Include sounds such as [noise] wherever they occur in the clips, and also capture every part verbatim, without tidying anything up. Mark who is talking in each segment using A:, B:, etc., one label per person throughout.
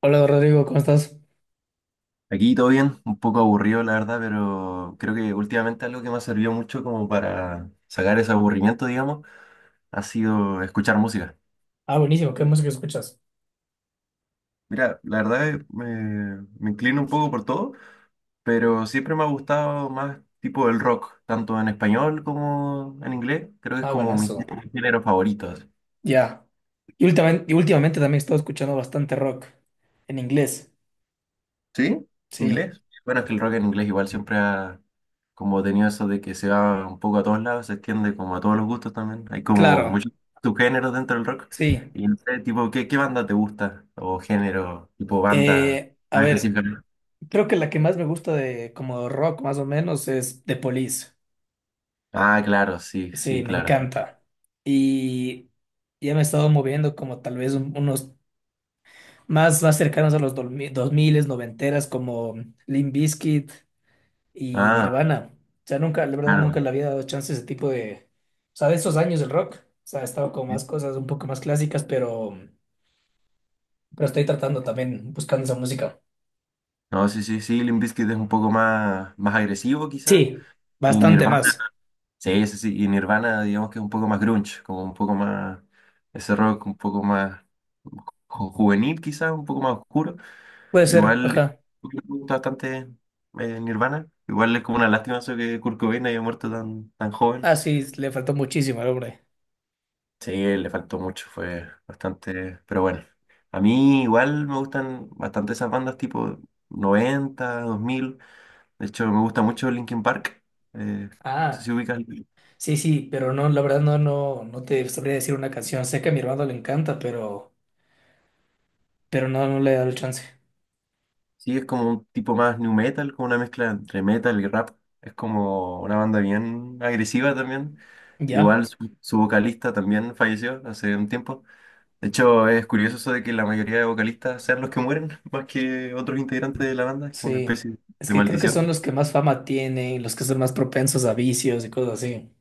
A: Hola Rodrigo, ¿cómo estás?
B: Aquí todo bien, un poco aburrido la verdad, pero creo que últimamente algo que me ha servido mucho como para sacar ese aburrimiento, digamos, ha sido escuchar música.
A: Ah, buenísimo. ¿Qué música escuchas?
B: Mira, la verdad eh, me, me inclino un poco por todo, pero siempre me ha gustado más tipo el rock, tanto en español como en inglés. Creo que es
A: Ah,
B: como mi
A: buenazo.
B: género favorito.
A: Ya. Y últimamente, y últimamente también he estado escuchando bastante rock en inglés.
B: ¿Sí?
A: Sí,
B: ¿Inglés? Bueno, es que el rock en inglés igual siempre ha como tenido eso de que se va un poco a todos lados, se extiende como a todos los gustos también. Hay como
A: claro,
B: muchos subgéneros dentro del rock.
A: sí.
B: Y no sé, tipo, ¿qué, qué banda te gusta? O género, tipo banda
A: Eh, a
B: más
A: ver,
B: específicamente.
A: creo que la que más me gusta de como rock más o menos es The Police.
B: Ah, claro, sí,
A: Sí,
B: sí,
A: me
B: claro.
A: encanta. Y ya me he estado moviendo como tal vez un- unos más, más cercanos a los dos mil, noventeras como Limp Bizkit y
B: Ah,
A: Nirvana. O sea, nunca, la verdad,
B: claro.
A: nunca le había dado chance a ese tipo de, o sea, de esos años del rock. O sea, estaba con
B: Sí.
A: más cosas un poco más clásicas, pero, pero estoy tratando también, buscando esa música.
B: No, sí, sí, sí, Limp Bizkit es un poco más, más agresivo quizás.
A: Sí,
B: Y
A: bastante
B: Nirvana.
A: más.
B: Sí, sí, sí. Y Nirvana, digamos que es un poco más grunge, como un poco más, ese rock un poco más ju- juvenil quizás, un poco más oscuro.
A: Puede ser,
B: Igual
A: ajá.
B: me gusta bastante eh, Nirvana. Igual es como una lástima eso que Kurt Cobain haya muerto tan, tan joven.
A: Ah, sí, le faltó muchísimo al hombre.
B: Sí, le faltó mucho, fue bastante, pero bueno. A mí igual me gustan bastante esas bandas tipo noventa, dos mil. De hecho, me gusta mucho Linkin Park. Eh, no sé
A: Ah,
B: si ubicas.
A: sí, sí, pero no, la verdad no, no, no te sabría decir una canción. Sé que a mi hermano le encanta, pero, pero no, no le he dado el chance.
B: Sí, es como un tipo más new metal, como una mezcla entre metal y rap. Es como una banda bien agresiva también.
A: Ya,
B: Igual su, su vocalista también falleció hace un tiempo. De hecho, es curioso eso de que la mayoría de vocalistas sean los que mueren, [laughs] más que otros integrantes de la banda. Es como una
A: sí.
B: especie
A: Es
B: de
A: que creo que son
B: maldición.
A: los que más fama tienen, los que son más propensos a vicios y cosas así.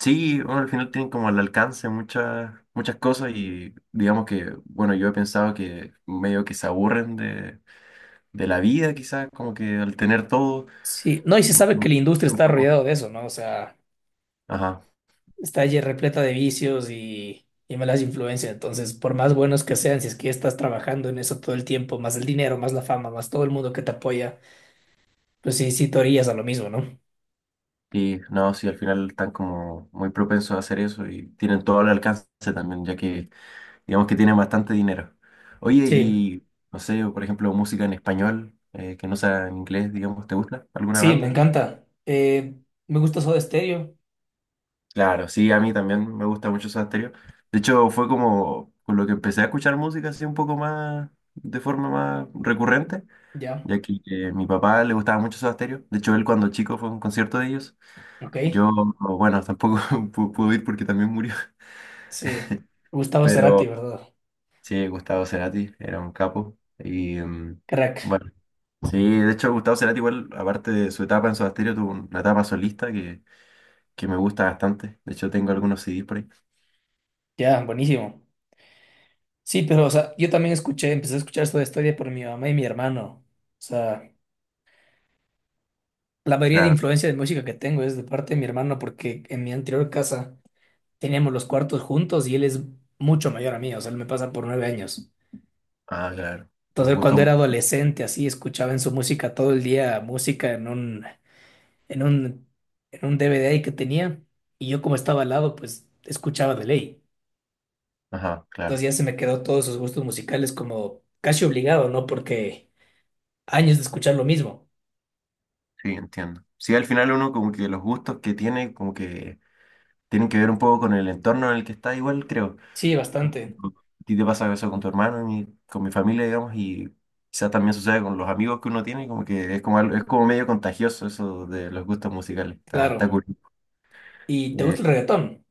B: Sí, bueno, al final tienen como al alcance muchas, muchas cosas y digamos que, bueno, yo he pensado que medio que se aburren de, de la vida quizás, como que al tener todo.
A: Sí, no, y se
B: mm,
A: sabe que
B: mm,
A: la industria está rodeada de eso, ¿no? O sea,
B: Ajá.
A: está allí repleta de vicios y, y malas influencias. Entonces, por más buenos que sean, si es que estás trabajando en eso todo el tiempo, más el dinero, más la fama, más todo el mundo que te apoya, pues sí, sí te orillas a lo mismo, ¿no?
B: Y no, sí, al final están como muy propensos a hacer eso y tienen todo el alcance también, ya que digamos que tienen bastante dinero. Oye,
A: Sí,
B: y no sé, por ejemplo, música en español, eh, que no sea en inglés, digamos, ¿te gusta alguna
A: sí, me
B: banda?
A: encanta. Eh, me gusta Soda Stereo,
B: Claro, sí, a mí también me gusta mucho Soda Stereo. De hecho, fue como con lo que empecé a escuchar música así un poco más, de forma más recurrente,
A: ya,
B: ya que eh, mi papá le gustaba mucho Soda Stereo. De hecho, él cuando chico fue a un concierto de ellos.
A: ok.
B: Yo, bueno, tampoco [laughs] pu- pude ir porque también murió.
A: Sí, Gustavo Cerati,
B: Pero
A: ¿verdad?
B: sí, Gustavo Cerati era un capo. Y mm,
A: Crack,
B: bueno, sí, de hecho Gustavo Cerati igual, aparte de su etapa en Soda Stereo, tuvo una etapa solista que, que me gusta bastante. De hecho tengo algunos C Des por ahí.
A: ya, buenísimo. Sí, pero, o sea, yo también escuché, empecé a escuchar Soda Stereo por mi mamá y mi hermano. O sea, la mayoría de
B: Claro,
A: influencia de música que tengo es de parte de mi hermano, porque en mi anterior casa teníamos los cuartos juntos y él es mucho mayor a mí, o sea, él me pasa por nueve años.
B: ah, claro. Un
A: Entonces, él
B: gusto,
A: cuando era
B: un-
A: adolescente, así, escuchaba en su música todo el día música en un, en un, en un D V D ahí que tenía, y yo como estaba al lado, pues escuchaba de ley.
B: ajá,
A: Entonces
B: claro.
A: ya se me quedó todos sus gustos musicales como casi obligado, ¿no? Porque años de escuchar lo mismo.
B: Sí, entiendo. Sí, al final uno como que los gustos que tiene, como que tienen que ver un poco con el entorno en el que está igual, creo.
A: Sí,
B: A
A: bastante,
B: ti te pasa eso con tu hermano y con mi familia, digamos, y quizás también sucede con los amigos que uno tiene, como que es como, algo- es como medio contagioso eso de los gustos musicales. Está,
A: claro.
B: está cool.
A: ¿Y te
B: Eh,
A: gusta el reggaetón?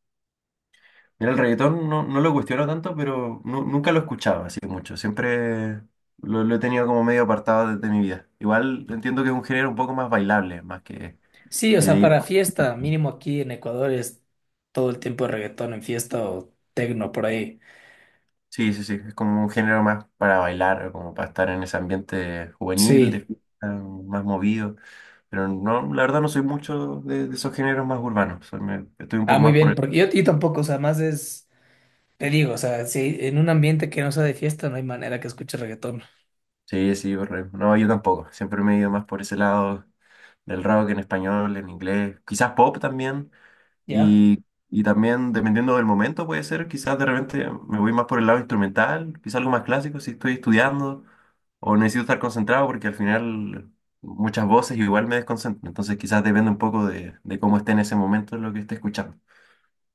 B: mira, el reggaetón no, no lo cuestiono tanto, pero nu- nunca lo escuchaba así mucho. Siempre lo, lo he tenido como medio apartado de, de mi vida. Igual entiendo que es un género un poco más bailable, más que,
A: Sí, o
B: que de
A: sea,
B: ir.
A: para fiesta, mínimo aquí en Ecuador es todo el tiempo reggaetón en fiesta o tecno por ahí.
B: Sí, sí, sí, es como un género más para bailar, como para estar en ese ambiente juvenil, de
A: Sí,
B: fiesta, más movido. Pero no, la verdad no soy mucho de, de esos géneros más urbanos. Soy- me- estoy un
A: ah,
B: poco
A: muy
B: más por
A: bien,
B: el...
A: porque yo, yo tampoco, o sea, más es, te digo, o sea, si en un ambiente que no sea de fiesta no hay manera que escuche reggaetón,
B: Sí, sí, por el- No, yo tampoco. Siempre me he ido más por ese lado del rock en español, en inglés. Quizás pop también.
A: ¿ya?
B: Y, y también, dependiendo del momento, puede ser, quizás de repente me voy más por el lado instrumental, quizás algo más clásico si estoy estudiando o necesito estar concentrado porque al final muchas voces igual me desconcentran. Entonces, quizás depende un poco de, de cómo esté en ese momento lo que esté escuchando.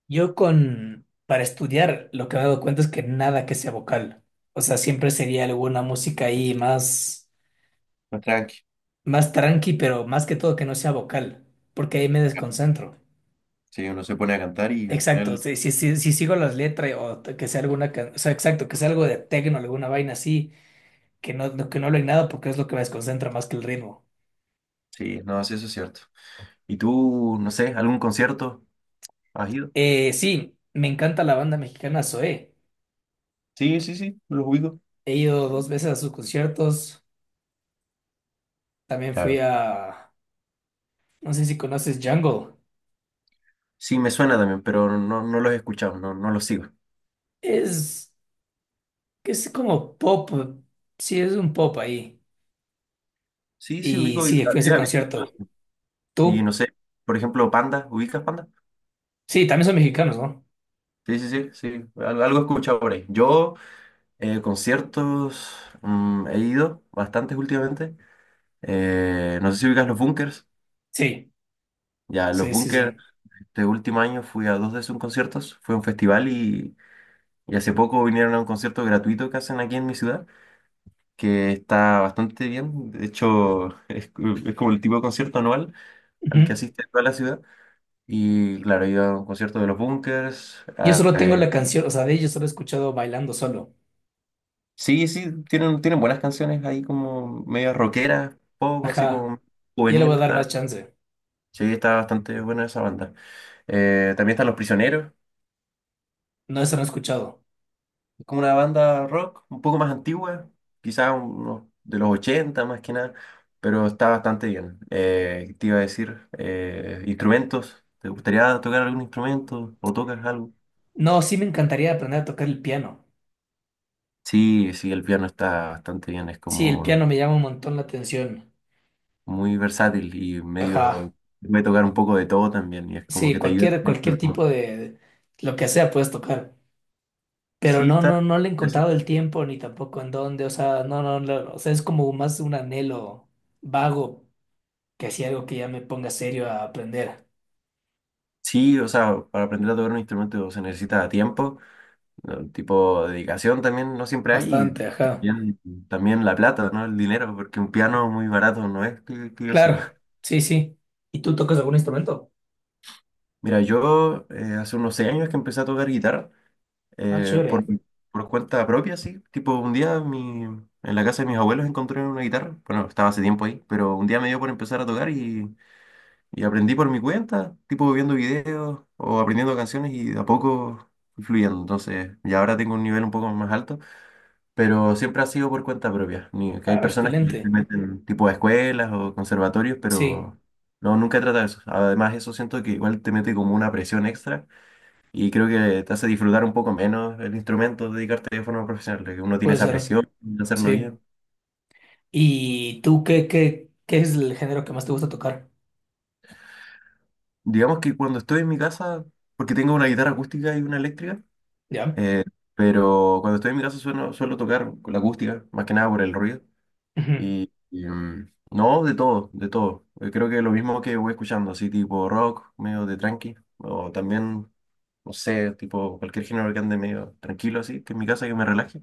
A: Yo con, para estudiar, lo que me he dado cuenta es que nada que sea vocal, o sea, siempre sería alguna música ahí más,
B: Más tranqui.
A: más tranqui, pero más que todo que no sea vocal, porque ahí me desconcentro.
B: Sí, uno se pone a cantar y al
A: Exacto,
B: final,
A: si, si, si, si sigo las letras o t- que sea alguna, can- o sea, exacto, que sea algo de tecno, alguna vaina así, que no, no- que no hablen nada porque es lo que me desconcentra más que el ritmo.
B: sí, no, sí, eso es cierto. ¿Y tú, no sé, algún concierto has ido?
A: Eh, sí, me encanta la banda mexicana Zoé.
B: Sí, sí, sí, los ubico.
A: He ido dos veces a sus conciertos. También
B: Claro.
A: fui a, no sé si conoces Jungle.
B: Sí, me suena también, pero no, no los he escuchado, no, no los sigo.
A: Es, es como pop, sí, es un pop ahí.
B: Sí, sí,
A: Y
B: ubico. Y-
A: sí, fui a ese concierto.
B: y
A: ¿Tú?
B: no sé, por ejemplo, Panda, ¿ubicas Panda?
A: Sí, también son mexicanos, ¿no?
B: Sí, sí, sí, sí, al- algo he escuchado por ahí. Yo, eh, conciertos, mm, he ido bastantes últimamente. Eh, no sé si ubicas los Bunkers.
A: Sí,
B: Ya, los
A: sí, sí, sí.
B: Bunkers, este último año fui a dos de sus conciertos. Fue a un festival y, y hace poco vinieron a un concierto gratuito que hacen aquí en mi ciudad, que está bastante bien. De hecho, [laughs] es, es como el tipo de concierto anual al que
A: Ujú.
B: asiste toda la ciudad. Y claro, he ido a un concierto de los Bunkers.
A: Yo solo tengo la canción, o sea, de ellos solo he escuchado bailando solo.
B: Sí, sí, tienen, tienen buenas canciones ahí como medio rockeras, pop, así
A: Ajá,
B: como
A: ya le voy
B: juvenil,
A: a dar más
B: está,
A: chance.
B: sí, está bastante buena esa banda. Eh, también están Los Prisioneros,
A: No, eso no he escuchado.
B: es como una banda rock un poco más antigua, quizás unos de los ochenta más que nada, pero está bastante bien. Eh, te iba a decir, eh, instrumentos, ¿te gustaría tocar algún instrumento o tocas algo?
A: No, sí me encantaría aprender a tocar el piano.
B: Sí, sí, el piano está bastante bien, es
A: Sí, el
B: como
A: piano me llama un montón la atención.
B: muy versátil y
A: Ajá,
B: medio puede tocar un poco de todo también y es como
A: sí,
B: que te ayuda
A: cualquier,
B: también.
A: cualquier
B: Pero-
A: tipo de, de- lo que sea puedes tocar. Pero
B: sí,
A: no,
B: está.
A: no, no le he
B: Es-
A: encontrado el tiempo ni tampoco en dónde, o sea, no, no, no, o sea, es como más un anhelo vago que así algo que ya me ponga serio a aprender.
B: sí, o sea, para aprender a tocar un instrumento se necesita tiempo, ¿no? Tipo dedicación también no siempre hay y
A: Bastante, ajá.
B: también, también la plata, ¿no? El dinero, porque un piano muy barato no es que, que yo
A: Claro,
B: sepa.
A: sí, sí. ¿Y tú tocas algún instrumento?
B: Mira, yo eh, hace unos seis años que empecé a tocar guitarra
A: Ah,
B: eh, por,
A: chévere.
B: por cuenta propia, sí. Tipo, un día mi, en la casa de mis abuelos encontré una guitarra. Bueno, estaba hace tiempo ahí, pero un día me dio por empezar a tocar y Y aprendí por mi cuenta, tipo viendo videos o aprendiendo canciones y de a poco fui fluyendo. Entonces, ya ahora tengo un nivel un poco más alto, pero siempre ha sido por cuenta propia. Ni, que hay
A: Ah,
B: personas que se
A: excelente.
B: meten tipo a escuelas o conservatorios,
A: Sí,
B: pero no, nunca he tratado eso. Además, eso siento que igual te mete como una presión extra y creo que te hace disfrutar un poco menos el instrumento, dedicarte de forma profesional, que uno tiene
A: puede
B: esa
A: ser.
B: presión de hacerlo
A: Sí.
B: bien.
A: ¿Y tú qué, qué, qué es el género que más te gusta tocar?
B: Digamos que cuando estoy en mi casa, porque tengo una guitarra acústica y una eléctrica,
A: ¿Ya?
B: Eh, pero cuando estoy en mi casa suelo, suelo tocar con la acústica, más que nada por el ruido.
A: Ujú.
B: Y, y, mm, no, de todo, de todo. Eh, creo que lo mismo que voy escuchando, así tipo rock, medio de tranqui, o también, no sé, tipo cualquier género que ande medio tranquilo así, que en mi casa que me relaje,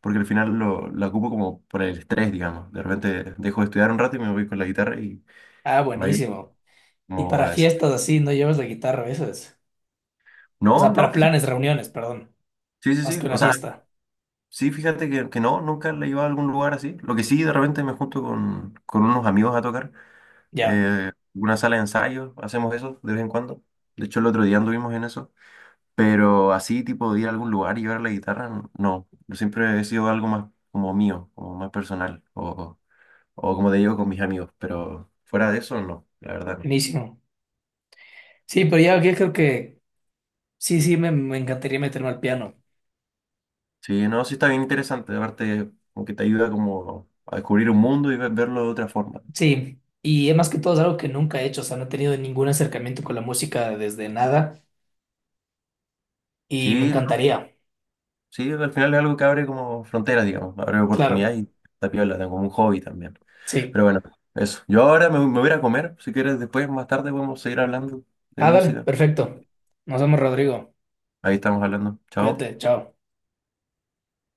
B: porque al final lo, lo ocupo como por el estrés, digamos. De repente dejo de estudiar un rato y me voy con la guitarra y
A: Ah,
B: me voy
A: buenísimo. Y
B: como
A: para
B: a... des-
A: fiestas así, ¿no llevas la guitarra a veces? O
B: No,
A: sea,
B: no,
A: para
B: fíjate.
A: planes, reuniones, perdón.
B: Sí, sí,
A: Más
B: sí.
A: que
B: O
A: una
B: sea,
A: fiesta.
B: sí, fíjate que, que no, nunca la he llevado a algún lugar así. Lo que sí, de repente me junto con, con unos amigos a tocar.
A: Ya,
B: eh, una sala de ensayo, hacemos eso de vez en cuando. De hecho, el otro día anduvimos en eso. Pero así, tipo, de ir a algún lugar y llevar la guitarra, n- no. Yo siempre he sido algo más como mío, como más personal. O, o como te digo, con mis amigos. Pero fuera de eso, no, la verdad no.
A: buenísimo. Sí, pero ya, yo creo que sí, sí, me, me encantaría meterme al piano.
B: Sí, no, sí está bien interesante. Aparte, como que te ayuda como a descubrir un mundo y ve- verlo de otra forma.
A: Sí. Y es más que todo es algo que nunca he hecho, o sea, no he tenido ningún acercamiento con la música desde nada y me
B: Sí,
A: encantaría.
B: sí, al final es algo que abre como fronteras, digamos, abre
A: Claro,
B: oportunidades y está piola, tengo como un hobby también.
A: sí.
B: Pero bueno, eso. Yo ahora me, me voy a ir a comer, si quieres después, más tarde podemos seguir hablando de
A: Ah, dale,
B: música.
A: perfecto. Nos vemos, Rodrigo.
B: Ahí estamos hablando. Chao.
A: Cuídate, chao.